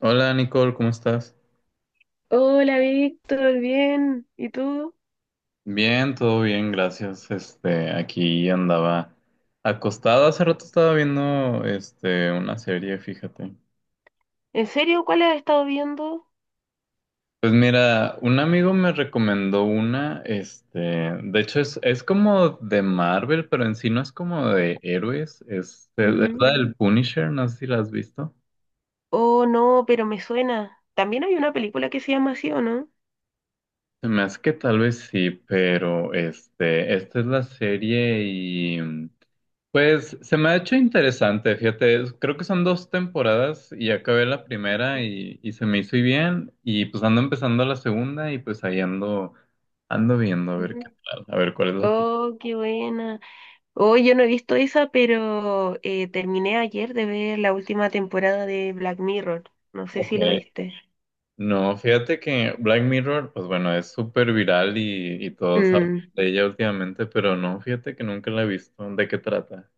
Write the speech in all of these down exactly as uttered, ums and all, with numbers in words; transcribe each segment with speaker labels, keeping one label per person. Speaker 1: Hola Nicole, ¿cómo estás?
Speaker 2: Hola Víctor, bien. ¿Y tú?
Speaker 1: Bien, todo bien, gracias. Este, aquí andaba acostado. Hace rato estaba viendo, este, una serie, fíjate.
Speaker 2: ¿En serio? ¿Cuál has estado viendo?
Speaker 1: Pues mira, un amigo me recomendó una, este, de hecho es, es como de Marvel, pero en sí no es como de héroes, es, es, es
Speaker 2: Ujú.
Speaker 1: la del Punisher, no sé si la has visto.
Speaker 2: Oh, no, pero me suena. También hay una película que se llama así, ¿o no?
Speaker 1: Se me hace que tal vez sí, pero este, esta es la serie y. Pues se me ha hecho interesante, fíjate, es- creo que son dos temporadas y acabé la primera y, y se me hizo y bien y pues ando empezando la segunda y pues ahí ando, ando viendo a ver qué
Speaker 2: Ujú.
Speaker 1: tal, a ver cuál es la opinión.
Speaker 2: Oh, qué buena. Oh, yo no he visto esa, pero eh, terminé ayer de ver la última temporada de Black Mirror. No sé
Speaker 1: Ok.
Speaker 2: si lo viste.
Speaker 1: No, fíjate que Black Mirror, pues bueno, es súper viral y, y todos hablan
Speaker 2: Mm.
Speaker 1: de ella últimamente, pero no, fíjate que nunca la he visto, ¿de qué trata?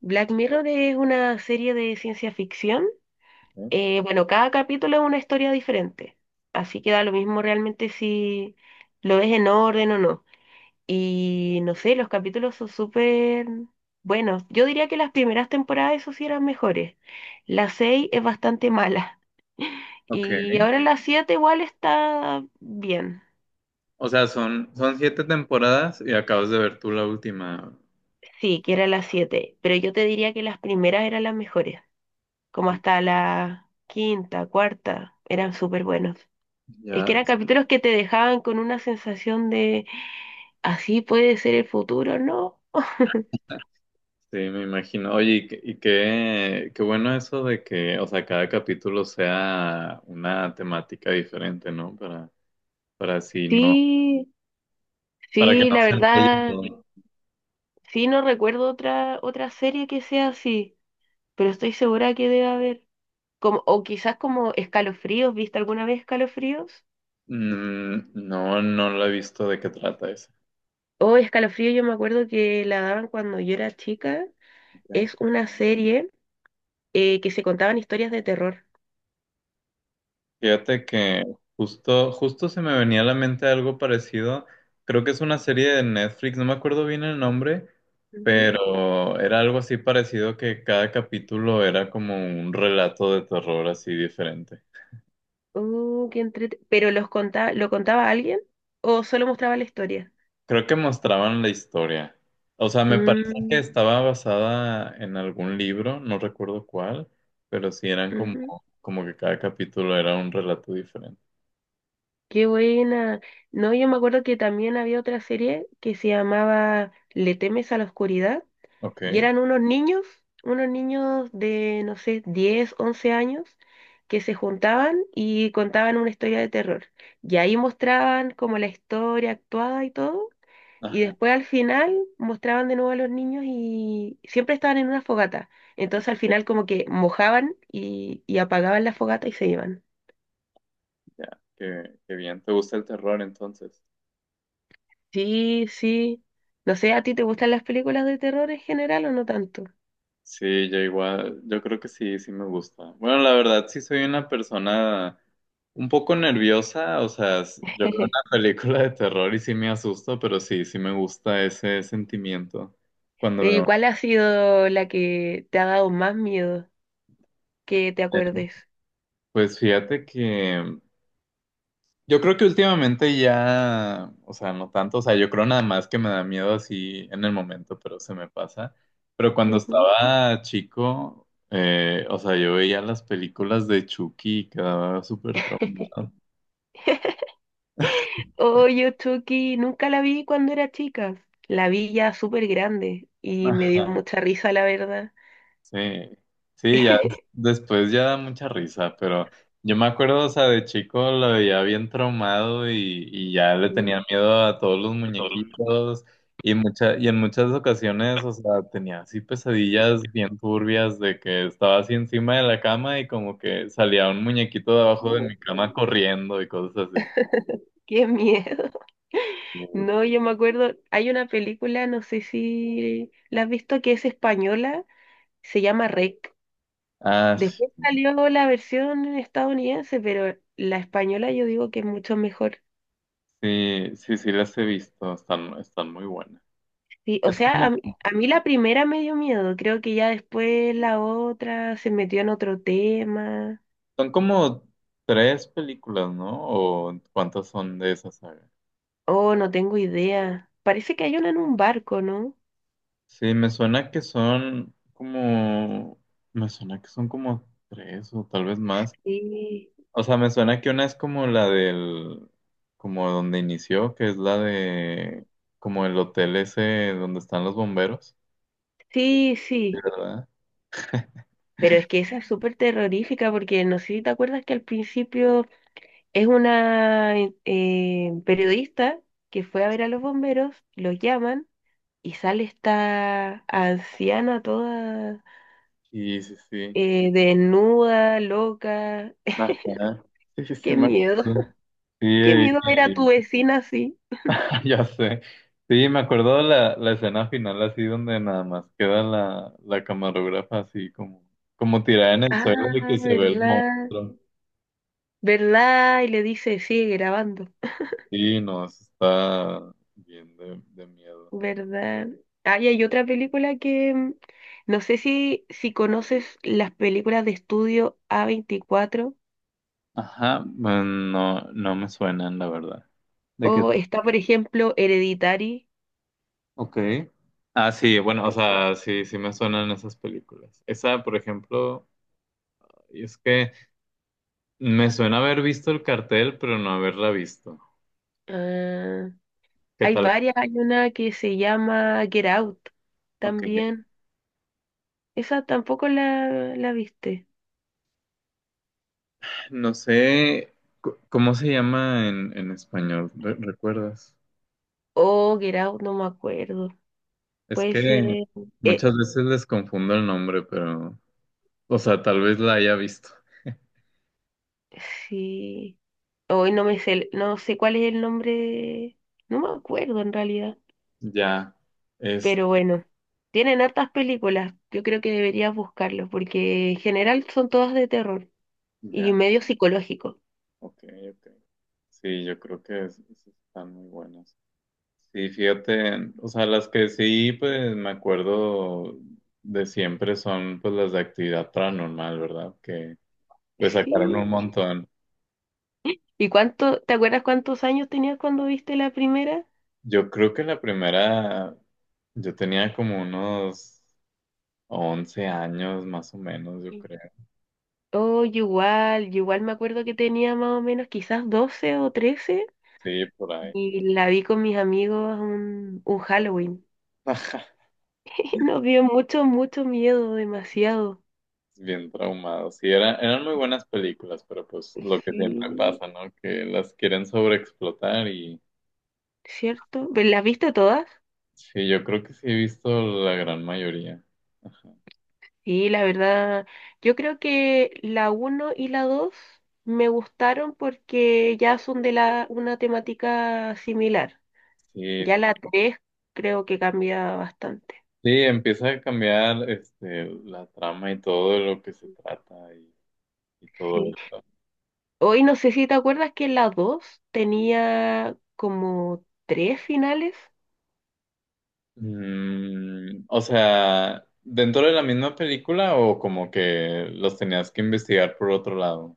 Speaker 2: Black Mirror es una serie de ciencia ficción.
Speaker 1: ¿Eh?
Speaker 2: Eh, bueno, cada capítulo es una historia diferente. Así que da lo mismo realmente si lo ves en orden o no. Y no sé, los capítulos son súper buenos. Yo diría que las primeras temporadas, eso sí, eran mejores. La seis es bastante mala.
Speaker 1: Ok,
Speaker 2: Y ahora la siete igual está bien.
Speaker 1: o sea, son, son siete temporadas y acabas de ver tú la última.
Speaker 2: Sí, que era la siete. Pero yo te diría que las primeras eran las mejores. Como hasta la quinta, cuarta, eran súper buenos. Es que
Speaker 1: Ya.
Speaker 2: eran capítulos que te dejaban con una sensación de, así puede ser el futuro, ¿no?
Speaker 1: Sí, me imagino. Oye, y, qué, y qué qué bueno eso de que, o sea, cada capítulo sea una temática diferente, ¿no? Para, para así no,
Speaker 2: Sí,
Speaker 1: para que
Speaker 2: sí,
Speaker 1: no
Speaker 2: la
Speaker 1: se enrolle
Speaker 2: verdad.
Speaker 1: todo.
Speaker 2: Sí, no recuerdo otra, otra serie que sea así, pero estoy segura que debe haber. Como, o quizás como Escalofríos, ¿viste alguna vez Escalofríos?
Speaker 1: Mm, no, no lo he visto de qué trata ese.
Speaker 2: O Escalofríos, yo me acuerdo que la daban cuando yo era chica.
Speaker 1: Ok.
Speaker 2: Es una serie eh, que se contaban historias de terror.
Speaker 1: Fíjate que justo, justo se me venía a la mente algo parecido. Creo que es una serie de Netflix, no me acuerdo bien el nombre,
Speaker 2: Ujú.
Speaker 1: pero era algo así parecido que cada capítulo era como un relato de terror así diferente.
Speaker 2: Oh, qué entrete- ¿Pero los contaba, lo contaba alguien o solo mostraba la historia?
Speaker 1: Creo que mostraban la historia. O sea, me parece que
Speaker 2: Mm,
Speaker 1: estaba basada en algún libro, no recuerdo cuál, pero sí eran como,
Speaker 2: ujú.
Speaker 1: como que cada capítulo era un relato diferente.
Speaker 2: Qué buena. No, yo me acuerdo que también había otra serie que se llamaba ¿Le temes a la oscuridad?
Speaker 1: Ok.
Speaker 2: Y eran unos niños, unos niños de, no sé, diez once años, que se juntaban y contaban una historia de terror. Y ahí mostraban como la historia actuada y todo. Y
Speaker 1: Ajá.
Speaker 2: después al final mostraban de nuevo a los niños y siempre estaban en una fogata. Entonces al final como que mojaban y, y apagaban la fogata y se iban.
Speaker 1: Ya, qué, qué bien. ¿Te gusta el terror entonces?
Speaker 2: Sí, sí. No sé, ¿a ti te gustan las películas de terror en general o no tanto?
Speaker 1: Sí, yo igual, yo creo que sí, sí me gusta. Bueno, la verdad sí soy una persona un poco nerviosa, o sea, s- yo veo una película de terror y sí me asusto, pero sí, sí me gusta ese sentimiento cuando
Speaker 2: ¿Y
Speaker 1: veo.
Speaker 2: cuál ha sido la que te ha dado más miedo, que te acuerdes?
Speaker 1: Pues fíjate que yo creo que últimamente ya, o sea, no tanto, o sea, yo creo nada más que me da miedo así en el momento, pero se me pasa. Pero cuando
Speaker 2: Ujú.
Speaker 1: estaba chico, eh, o sea, yo veía las películas de Chucky y quedaba súper traumado.
Speaker 2: Oye, Chucky, nunca la vi cuando era chica. La vi ya súper grande y me dio
Speaker 1: Ajá.
Speaker 2: mucha risa, la verdad.
Speaker 1: Sí, sí, ya des- después ya da mucha risa, pero yo me acuerdo, o sea, de chico lo veía bien traumado y, y ya le
Speaker 2: Mm.
Speaker 1: tenía miedo a todos los muñequitos y mucha, y en muchas ocasiones, o sea, tenía así pesadillas bien turbias de que estaba así encima de la cama y como que salía un muñequito de abajo de mi cama corriendo y cosas así.
Speaker 2: Qué miedo.
Speaker 1: Sí.
Speaker 2: No, yo me acuerdo, hay una película, no sé si la has visto, que es española, se llama rec.
Speaker 1: Ah,
Speaker 2: Después
Speaker 1: sí,
Speaker 2: salió la versión estadounidense, pero la española yo digo que es mucho mejor.
Speaker 1: sí, sí, sí las he visto, están, están muy buenas.
Speaker 2: Sí, o sea, a, mí a mí la primera me dio miedo, creo que ya después la otra se metió en otro tema.
Speaker 1: Son como tres películas, ¿no? ¿O cuántas son de esa saga?
Speaker 2: Oh, no tengo idea. Parece que hay una en un barco, ¿no?
Speaker 1: Sí, me suena que son como, me suena que son como tres o tal vez más.
Speaker 2: Sí,
Speaker 1: O sea, me suena que una es como la del, como donde inició, que es la de, como el hotel ese donde están los bomberos.
Speaker 2: sí,
Speaker 1: Sí,
Speaker 2: sí.
Speaker 1: ¿verdad?
Speaker 2: Pero es que esa es súper terrorífica porque no sé si te acuerdas que al principio es una eh, eh, periodista que fue a ver a los bomberos, los llaman y sale esta anciana toda
Speaker 1: Sí, sí, sí.
Speaker 2: eh, desnuda, loca.
Speaker 1: Ajá. Sí, sí, sí,
Speaker 2: ¡Qué
Speaker 1: me
Speaker 2: miedo!
Speaker 1: acuerdo. Sí,
Speaker 2: Qué miedo ver a tu
Speaker 1: y-
Speaker 2: vecina así.
Speaker 1: Ya sé. Sí, me acuerdo la, la escena final así donde nada más queda la, la camarógrafa así como, como tirada en el suelo de
Speaker 2: Ah,
Speaker 1: que se ve el
Speaker 2: ¿verdad?
Speaker 1: monstruo.
Speaker 2: ¿Verdad? Y le dice, sigue grabando.
Speaker 1: Sí, no, eso está bien de, de miedo.
Speaker 2: ¿Verdad? Ah, y hay otra película que mm, no sé si, si conoces las películas de estudio a veinticuatro
Speaker 1: Ajá, bueno, no, no me suenan, la verdad. ¿De qué?
Speaker 2: o está, por ejemplo, Hereditary.
Speaker 1: Ok. Ah, sí, bueno, o sea, sí, sí me suenan esas películas. Esa, por ejemplo, y es que me suena haber visto el cartel, pero no haberla visto.
Speaker 2: Ah,
Speaker 1: ¿Qué
Speaker 2: hay
Speaker 1: tal?
Speaker 2: varias, hay una que se llama Get Out
Speaker 1: Ok.
Speaker 2: también. Esa tampoco la, la viste.
Speaker 1: No sé cu- cómo se llama en en español. ¿Re- ¿recuerdas?
Speaker 2: O Get Out, no me acuerdo.
Speaker 1: Es
Speaker 2: Puede ser.
Speaker 1: que
Speaker 2: eh,
Speaker 1: muchas veces les confundo el nombre, pero, o sea, tal vez la haya visto.
Speaker 2: sí. Hoy no me sé, el- no sé cuál es el nombre, no me acuerdo en realidad,
Speaker 1: Ya, es,
Speaker 2: pero bueno, tienen hartas películas, yo creo que deberías buscarlos porque en general son todas de terror y
Speaker 1: ya,
Speaker 2: medio psicológico.
Speaker 1: ok, ok. Sí, yo creo que es- es- están muy buenas. Sí, fíjate, o sea, las que sí, pues me acuerdo de siempre son pues las de actividad paranormal, ¿verdad? Que pues sacaron
Speaker 2: Sí.
Speaker 1: un montón.
Speaker 2: ¿Y cuánto, te acuerdas cuántos años tenías cuando viste la primera?
Speaker 1: Yo creo que la primera, yo tenía como unos once años más o menos, yo
Speaker 2: Sí.
Speaker 1: creo.
Speaker 2: Oh, yo igual, yo igual me acuerdo que tenía más o menos quizás doce o trece
Speaker 1: Sí, por ahí.
Speaker 2: y la vi con mis amigos un, un Halloween. Nos dio mucho, mucho miedo, demasiado.
Speaker 1: Bien traumado. Sí, era- eran muy buenas películas, pero pues lo que siempre
Speaker 2: Sí.
Speaker 1: pasa, ¿no? Que las quieren sobreexplotar y
Speaker 2: ¿Cierto? ¿Ve- ¿Las viste todas?
Speaker 1: sí, yo creo que sí he visto la gran mayoría. Ajá.
Speaker 2: Sí, la verdad, yo creo que la uno y la dos me gustaron porque ya son de la, una temática similar.
Speaker 1: Sí,
Speaker 2: Ya
Speaker 1: sí.
Speaker 2: la tres creo que cambia bastante.
Speaker 1: Sí, empieza a cambiar este, la trama y todo de lo que se trata y, y todo
Speaker 2: Sí.
Speaker 1: eso.
Speaker 2: Hoy no sé si te acuerdas que la dos tenía como tres finales.
Speaker 1: Mm, o sea, ¿dentro de la misma película o como que los tenías que investigar por otro lado?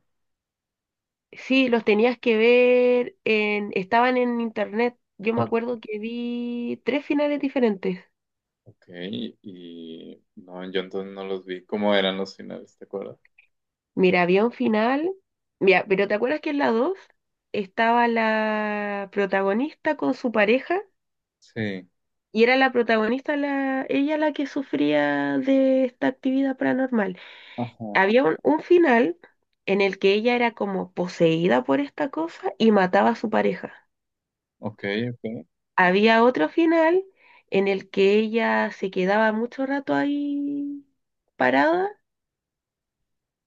Speaker 2: Sí, los tenías que ver en, estaban en internet. Yo me
Speaker 1: O-
Speaker 2: acuerdo que vi tres finales diferentes.
Speaker 1: Ok, y no, yo entonces no los vi. ¿Cómo eran los finales, te acuerdas?
Speaker 2: Mira, había un final. Mira, pero ¿te acuerdas que en la dos estaba la protagonista con su pareja?
Speaker 1: Sí.
Speaker 2: Y era la protagonista, la, ella la que sufría de esta actividad paranormal.
Speaker 1: Ajá.
Speaker 2: Había un, un final en el que ella era como poseída por esta cosa y mataba a su pareja.
Speaker 1: Ok, ok,
Speaker 2: Había otro final en el que ella se quedaba mucho rato ahí parada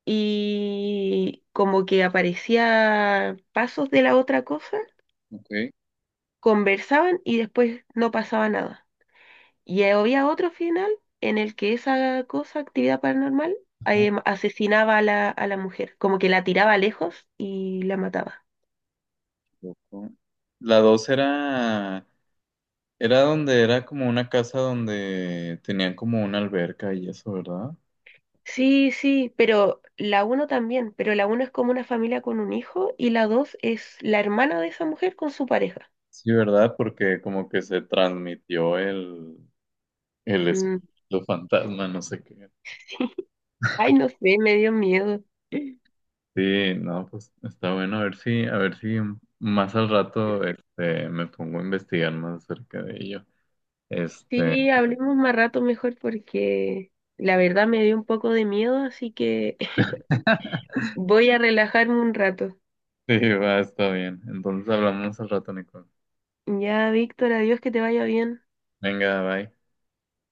Speaker 2: y como que aparecía pasos de la otra cosa
Speaker 1: ok.
Speaker 2: conversaban y después no pasaba nada. Y había otro final en el que esa cosa, actividad paranormal,
Speaker 1: Ajá.
Speaker 2: em, asesinaba a la, a la mujer, como que la tiraba lejos y la mataba.
Speaker 1: Loco. La dos era, era donde era como una casa donde tenían como una alberca y eso, ¿verdad?
Speaker 2: Sí, sí, pero la uno también, pero la uno es como una familia con un hijo y la dos es la hermana de esa mujer con su pareja.
Speaker 1: Sí, ¿verdad? Porque como que se transmitió el, el
Speaker 2: Mm,
Speaker 1: espíritu fantasma, no sé qué.
Speaker 2: sí. Ay, no sé, me dio miedo.
Speaker 1: Sí, no, pues está bueno, a ver si, a ver si más al rato este, me pongo a investigar más acerca de ello. Este,
Speaker 2: Sí, hablemos más rato mejor porque la verdad me dio un poco de miedo, así que voy a relajarme un rato.
Speaker 1: sí, va, está bien. Entonces hablamos al rato, Nico.
Speaker 2: Ya, Víctor, adiós, que te vaya bien.
Speaker 1: Venga, bye.